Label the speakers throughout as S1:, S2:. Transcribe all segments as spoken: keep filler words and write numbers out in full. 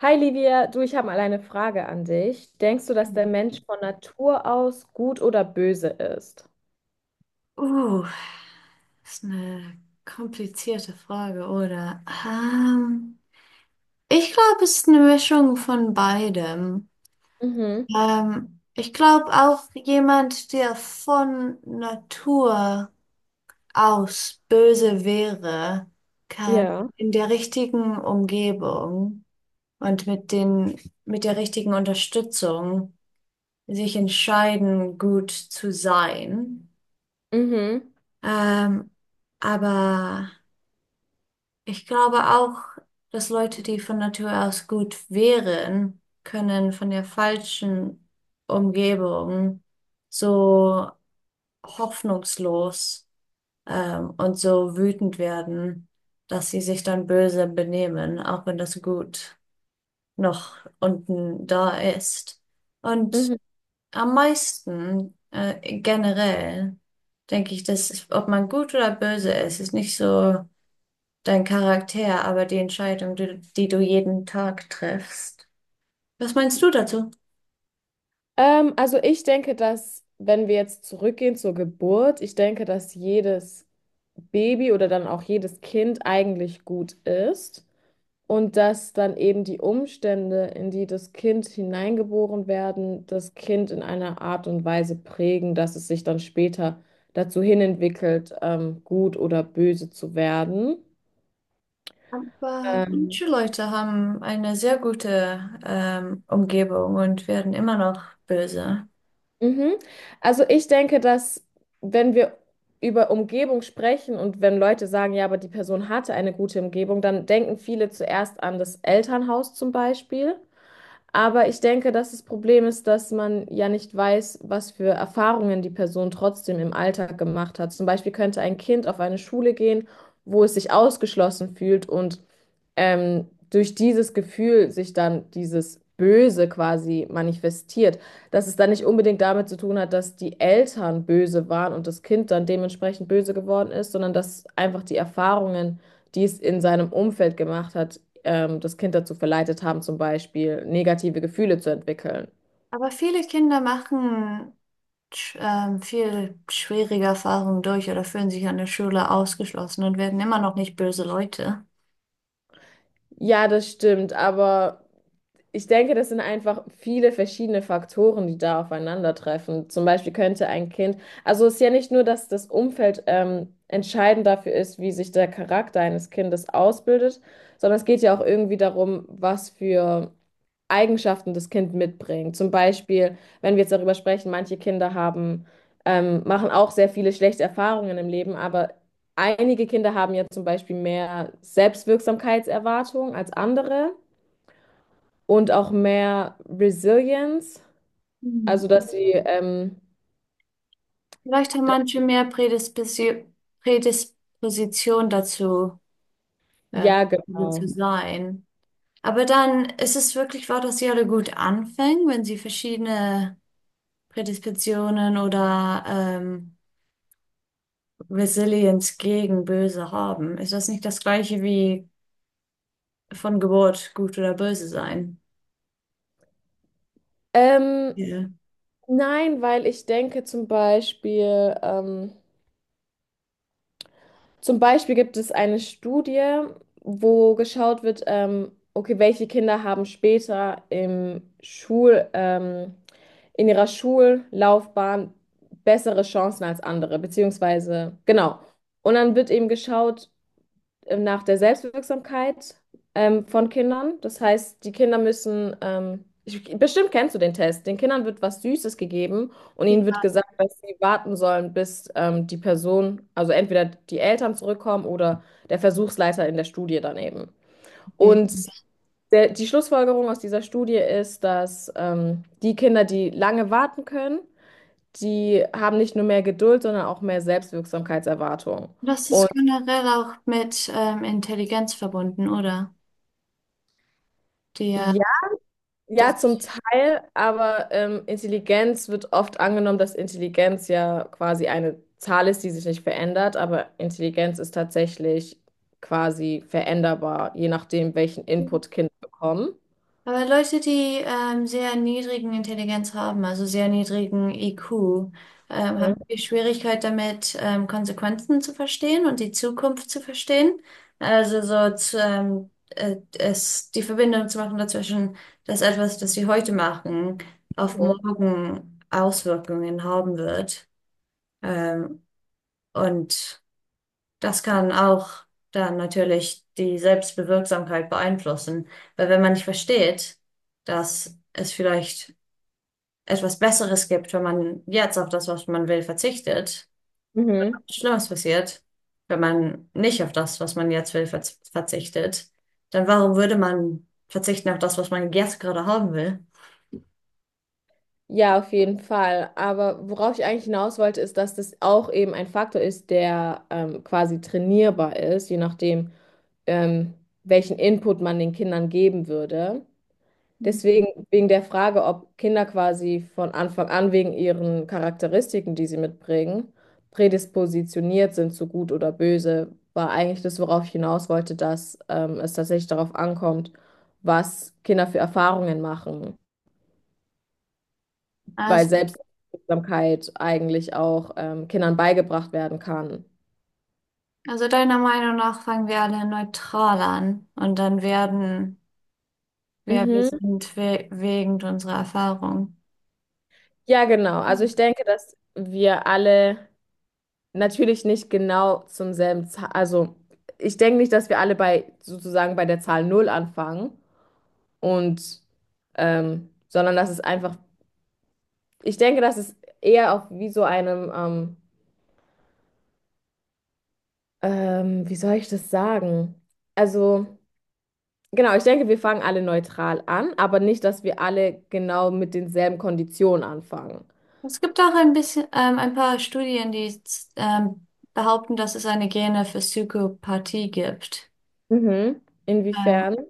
S1: Hi Livia, du, ich habe mal eine Frage an dich. Denkst du, dass der Mensch von Natur aus gut oder böse ist?
S2: Uh, Das ist eine komplizierte Frage, oder? Ähm, ich glaube, es ist eine Mischung von beidem.
S1: Mhm.
S2: Ähm, ich glaube auch, jemand, der von Natur aus böse wäre, kann
S1: Ja.
S2: in der richtigen Umgebung und mit den, mit der richtigen Unterstützung sich entscheiden, gut zu sein.
S1: Mhm.
S2: Ähm, aber ich glaube auch, dass Leute, die von Natur aus gut wären, können von der falschen Umgebung so hoffnungslos ähm, und so wütend werden, dass sie sich dann böse benehmen, auch wenn das Gut noch unten da ist. Und
S1: Mhm.
S2: am meisten äh, generell denke ich, dass ob man gut oder böse ist, ist nicht so dein Charakter, aber die Entscheidung, die, die du jeden Tag triffst. Was meinst du dazu?
S1: Ähm, also ich denke, dass, wenn wir jetzt zurückgehen zur Geburt, ich denke, dass jedes Baby oder dann auch jedes Kind eigentlich gut ist. Und dass dann eben die Umstände, in die das Kind hineingeboren werden, das Kind in einer Art und Weise prägen, dass es sich dann später dazu hinentwickelt, ähm, gut oder böse zu werden.
S2: Aber
S1: Ähm,
S2: manche Leute haben eine sehr gute ähm, Umgebung und werden immer noch böse.
S1: Mhm. Also ich denke, dass, wenn wir über Umgebung sprechen und wenn Leute sagen, ja, aber die Person hatte eine gute Umgebung, dann denken viele zuerst an das Elternhaus zum Beispiel. Aber ich denke, dass das Problem ist, dass man ja nicht weiß, was für Erfahrungen die Person trotzdem im Alltag gemacht hat. Zum Beispiel könnte ein Kind auf eine Schule gehen, wo es sich ausgeschlossen fühlt und ähm, durch dieses Gefühl sich dann dieses Böse quasi manifestiert. Dass es dann nicht unbedingt damit zu tun hat, dass die Eltern böse waren und das Kind dann dementsprechend böse geworden ist, sondern dass einfach die Erfahrungen, die es in seinem Umfeld gemacht hat, ähm, das Kind dazu verleitet haben, zum Beispiel negative Gefühle zu entwickeln.
S2: Aber viele Kinder machen sch- ähm, viel schwierige Erfahrungen durch oder fühlen sich an der Schule ausgeschlossen und werden immer noch nicht böse Leute.
S1: Ja, das stimmt, aber ich denke, das sind einfach viele verschiedene Faktoren, die da aufeinandertreffen. Zum Beispiel könnte ein Kind, also es ist ja nicht nur, dass das Umfeld ähm, entscheidend dafür ist, wie sich der Charakter eines Kindes ausbildet, sondern es geht ja auch irgendwie darum, was für Eigenschaften das Kind mitbringt. Zum Beispiel, wenn wir jetzt darüber sprechen, manche Kinder haben, ähm, machen auch sehr viele schlechte Erfahrungen im Leben, aber einige Kinder haben ja zum Beispiel mehr Selbstwirksamkeitserwartung als andere und auch mehr Resilience, also
S2: Hm.
S1: dass sie, ähm,
S2: Vielleicht haben
S1: dass,
S2: manche mehr Prädispisi- Prädisposition dazu, äh,
S1: ja,
S2: böse zu
S1: genau.
S2: sein. Aber dann ist es wirklich wahr, dass sie alle gut anfangen, wenn sie verschiedene Prädispositionen oder ähm, Resilienz gegen Böse haben. Ist das nicht das gleiche wie von Geburt gut oder böse sein?
S1: Ähm,
S2: Ja.
S1: nein, weil ich denke zum Beispiel, ähm, zum Beispiel gibt es eine Studie, wo geschaut wird, ähm, okay, welche Kinder haben später im Schul, ähm, in ihrer Schullaufbahn bessere Chancen als andere, beziehungsweise, genau. Und dann wird eben geschaut, ähm, nach der Selbstwirksamkeit ähm, von Kindern. Das heißt, die Kinder müssen, ähm, ich, bestimmt kennst du den Test, den Kindern wird was Süßes gegeben und ihnen wird
S2: Ja.
S1: gesagt, dass sie warten sollen, bis ähm, die Person, also entweder die Eltern zurückkommen oder der Versuchsleiter in der Studie daneben.
S2: Okay.
S1: Und der, die Schlussfolgerung aus dieser Studie ist, dass ähm, die Kinder, die lange warten können, die haben nicht nur mehr Geduld, sondern auch mehr Selbstwirksamkeitserwartung.
S2: Das ist
S1: Und
S2: generell auch mit ähm, Intelligenz verbunden, oder? Die, ja,
S1: ja,
S2: das.
S1: zum Teil, aber ähm, Intelligenz wird oft angenommen, dass Intelligenz ja quasi eine Zahl ist, die sich nicht verändert, aber Intelligenz ist tatsächlich quasi veränderbar, je nachdem, welchen Input Kinder bekommen.
S2: Aber Leute, die ähm, sehr niedrigen Intelligenz haben, also sehr niedrigen I Q, ähm,
S1: Mhm.
S2: haben viel Schwierigkeit damit, ähm, Konsequenzen zu verstehen und die Zukunft zu verstehen. Also so zu, ähm, äh, es, die Verbindung zu machen dazwischen, dass etwas, das sie heute machen, auf morgen Auswirkungen haben wird. Ähm, und das kann auch dann natürlich die Selbstbewirksamkeit beeinflussen, weil wenn man nicht versteht, dass es vielleicht etwas Besseres gibt, wenn man jetzt auf das, was man will, verzichtet,
S1: Mhm.
S2: Schlimmes passiert, wenn man nicht auf das, was man jetzt will, verz verzichtet, dann warum würde man verzichten auf das, was man jetzt gerade haben will?
S1: Ja, auf jeden Fall. Aber worauf ich eigentlich hinaus wollte, ist, dass das auch eben ein Faktor ist, der ähm, quasi trainierbar ist, je nachdem, ähm, welchen Input man den Kindern geben würde. Deswegen, wegen der Frage, ob Kinder quasi von Anfang an wegen ihren Charakteristiken, die sie mitbringen, prädispositioniert sind zu gut oder böse, war eigentlich das, worauf ich hinaus wollte, dass ähm, es tatsächlich darauf ankommt, was Kinder für Erfahrungen machen, weil
S2: Also,
S1: Selbstwirksamkeit eigentlich auch ähm, Kindern beigebracht werden kann.
S2: also deiner Meinung nach fangen wir alle neutral an und dann werden wir, wir
S1: Mhm.
S2: sind we wegen unserer Erfahrung.
S1: Ja, genau. Also ich denke, dass wir alle natürlich nicht genau zum selben Zahl. Also, ich denke nicht, dass wir alle bei sozusagen bei der Zahl null anfangen und ähm, sondern dass es einfach, ich denke, dass es eher auf wie so einem, ähm, ähm, wie soll ich das sagen? Also, genau, ich denke, wir fangen alle neutral an, aber nicht, dass wir alle genau mit denselben Konditionen anfangen.
S2: Es gibt auch ein bisschen, ähm, ein paar Studien, die ähm, behaupten, dass es eine Gene für Psychopathie gibt.
S1: Mhm.
S2: Ähm,
S1: Inwiefern?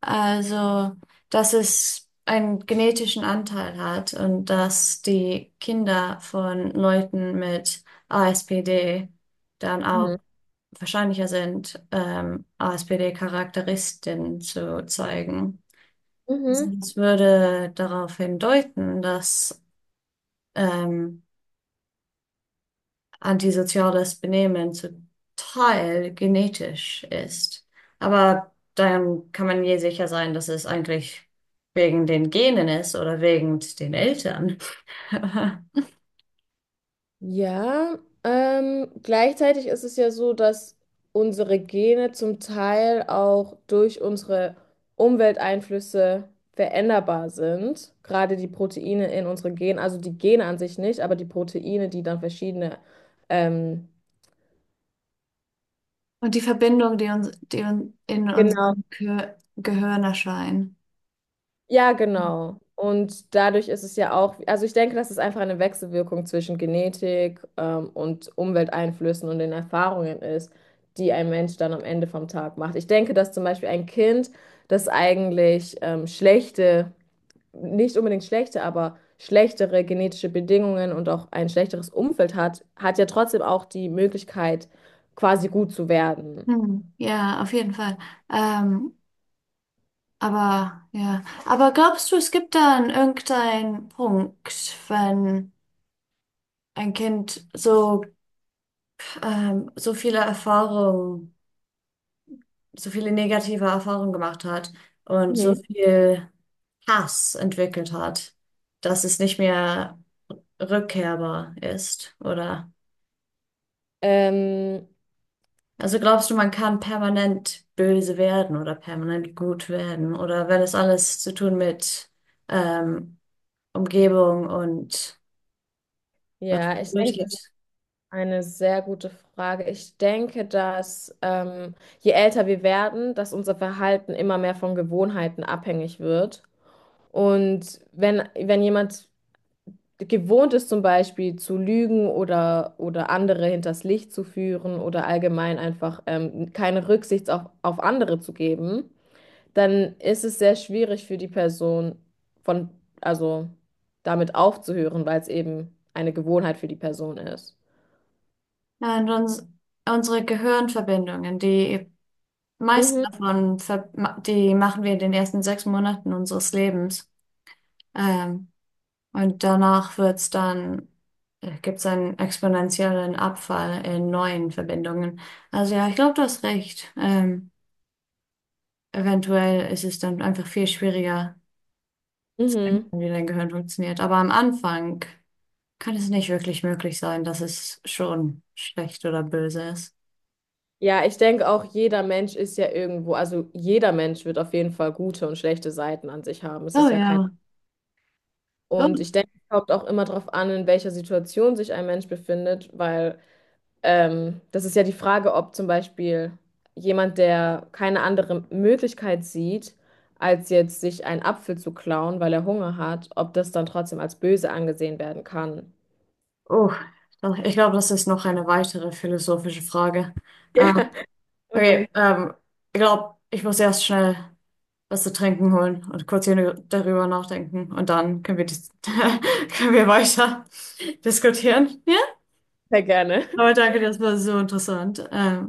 S2: also, Dass es einen genetischen Anteil hat und dass die Kinder von Leuten mit A S P D dann auch
S1: Mhm.
S2: wahrscheinlicher sind, ähm, A S P D-Charakteristiken zu zeigen. Also,
S1: Mhm.
S2: das würde darauf hindeuten, dass ähm, antisoziales Benehmen zum Teil genetisch ist. Aber dann kann man je sicher sein, dass es eigentlich wegen den Genen ist oder wegen den Eltern.
S1: Ja, ähm, gleichzeitig ist es ja so, dass unsere Gene zum Teil auch durch unsere Umwelteinflüsse veränderbar sind. Gerade die Proteine in unseren Genen, also die Gene an sich nicht, aber die Proteine, die dann verschiedene ähm,
S2: Und die Verbindung, die uns, die uns in
S1: genau.
S2: unserem Gehir- Gehirn erscheint.
S1: Ja, genau. Und dadurch ist es ja auch, also ich denke, das ist einfach eine Wechselwirkung zwischen Genetik, ähm, und Umwelteinflüssen und den Erfahrungen ist, die ein Mensch dann am Ende vom Tag macht. Ich denke, dass zum Beispiel ein Kind, das eigentlich ähm, schlechte, nicht unbedingt schlechte, aber schlechtere genetische Bedingungen und auch ein schlechteres Umfeld hat, hat ja trotzdem auch die Möglichkeit, quasi gut zu werden.
S2: Hm, ja, auf jeden Fall. Ähm, aber ja, aber glaubst du, es gibt dann irgendeinen Punkt, wenn ein Kind so ähm, so viele Erfahrungen, so viele negative Erfahrungen gemacht hat und so
S1: Mhm.
S2: viel Hass entwickelt hat, dass es nicht mehr rückkehrbar ist, oder?
S1: Ähm,
S2: Also glaubst du, man kann permanent böse werden oder permanent gut werden oder wenn es alles zu tun mit ähm, Umgebung und was
S1: ja, ich denke, das.
S2: durchgeht.
S1: Eine sehr gute Frage. Ich denke, dass ähm, je älter wir werden, dass unser Verhalten immer mehr von Gewohnheiten abhängig wird. Und wenn, wenn jemand gewohnt ist, zum Beispiel zu lügen oder, oder andere hinters Licht zu führen oder allgemein einfach ähm, keine Rücksicht auf, auf andere zu geben, dann ist es sehr schwierig für die Person von, also damit aufzuhören, weil es eben eine Gewohnheit für die Person ist.
S2: Ja, und uns, unsere Gehirnverbindungen, die meisten
S1: Mhm.
S2: davon, ver ma- die machen wir in den ersten sechs Monaten unseres Lebens. Ähm, und danach wird's dann, gibt es einen exponentiellen Abfall in neuen Verbindungen. Also ja, ich glaube, du hast recht. Ähm, eventuell ist es dann einfach viel schwieriger,
S1: Mhm.
S2: wie dein Gehirn funktioniert. Aber am Anfang kann es nicht wirklich möglich sein, dass es schon schlecht oder böse ist.
S1: Ja, ich denke auch, jeder Mensch ist ja irgendwo, also jeder Mensch wird auf jeden Fall gute und schlechte Seiten an sich haben. Es
S2: Oh
S1: ist ja kein.
S2: ja. Oh.
S1: Und ich denke, es kommt auch immer darauf an, in welcher Situation sich ein Mensch befindet, weil ähm, das ist ja die Frage, ob zum Beispiel jemand, der keine andere Möglichkeit sieht, als jetzt sich einen Apfel zu klauen, weil er Hunger hat, ob das dann trotzdem als böse angesehen werden kann.
S2: Oh, ich glaube, das ist noch eine weitere philosophische Frage. Äh,
S1: Ja, auf jeden
S2: okay,
S1: Fall.
S2: ähm, ich glaube, ich muss erst schnell was zu trinken holen und kurz hier darüber nachdenken und dann können wir, dis- können wir weiter diskutieren. Ja?
S1: Sehr gerne.
S2: Aber danke, das war so interessant. Ähm,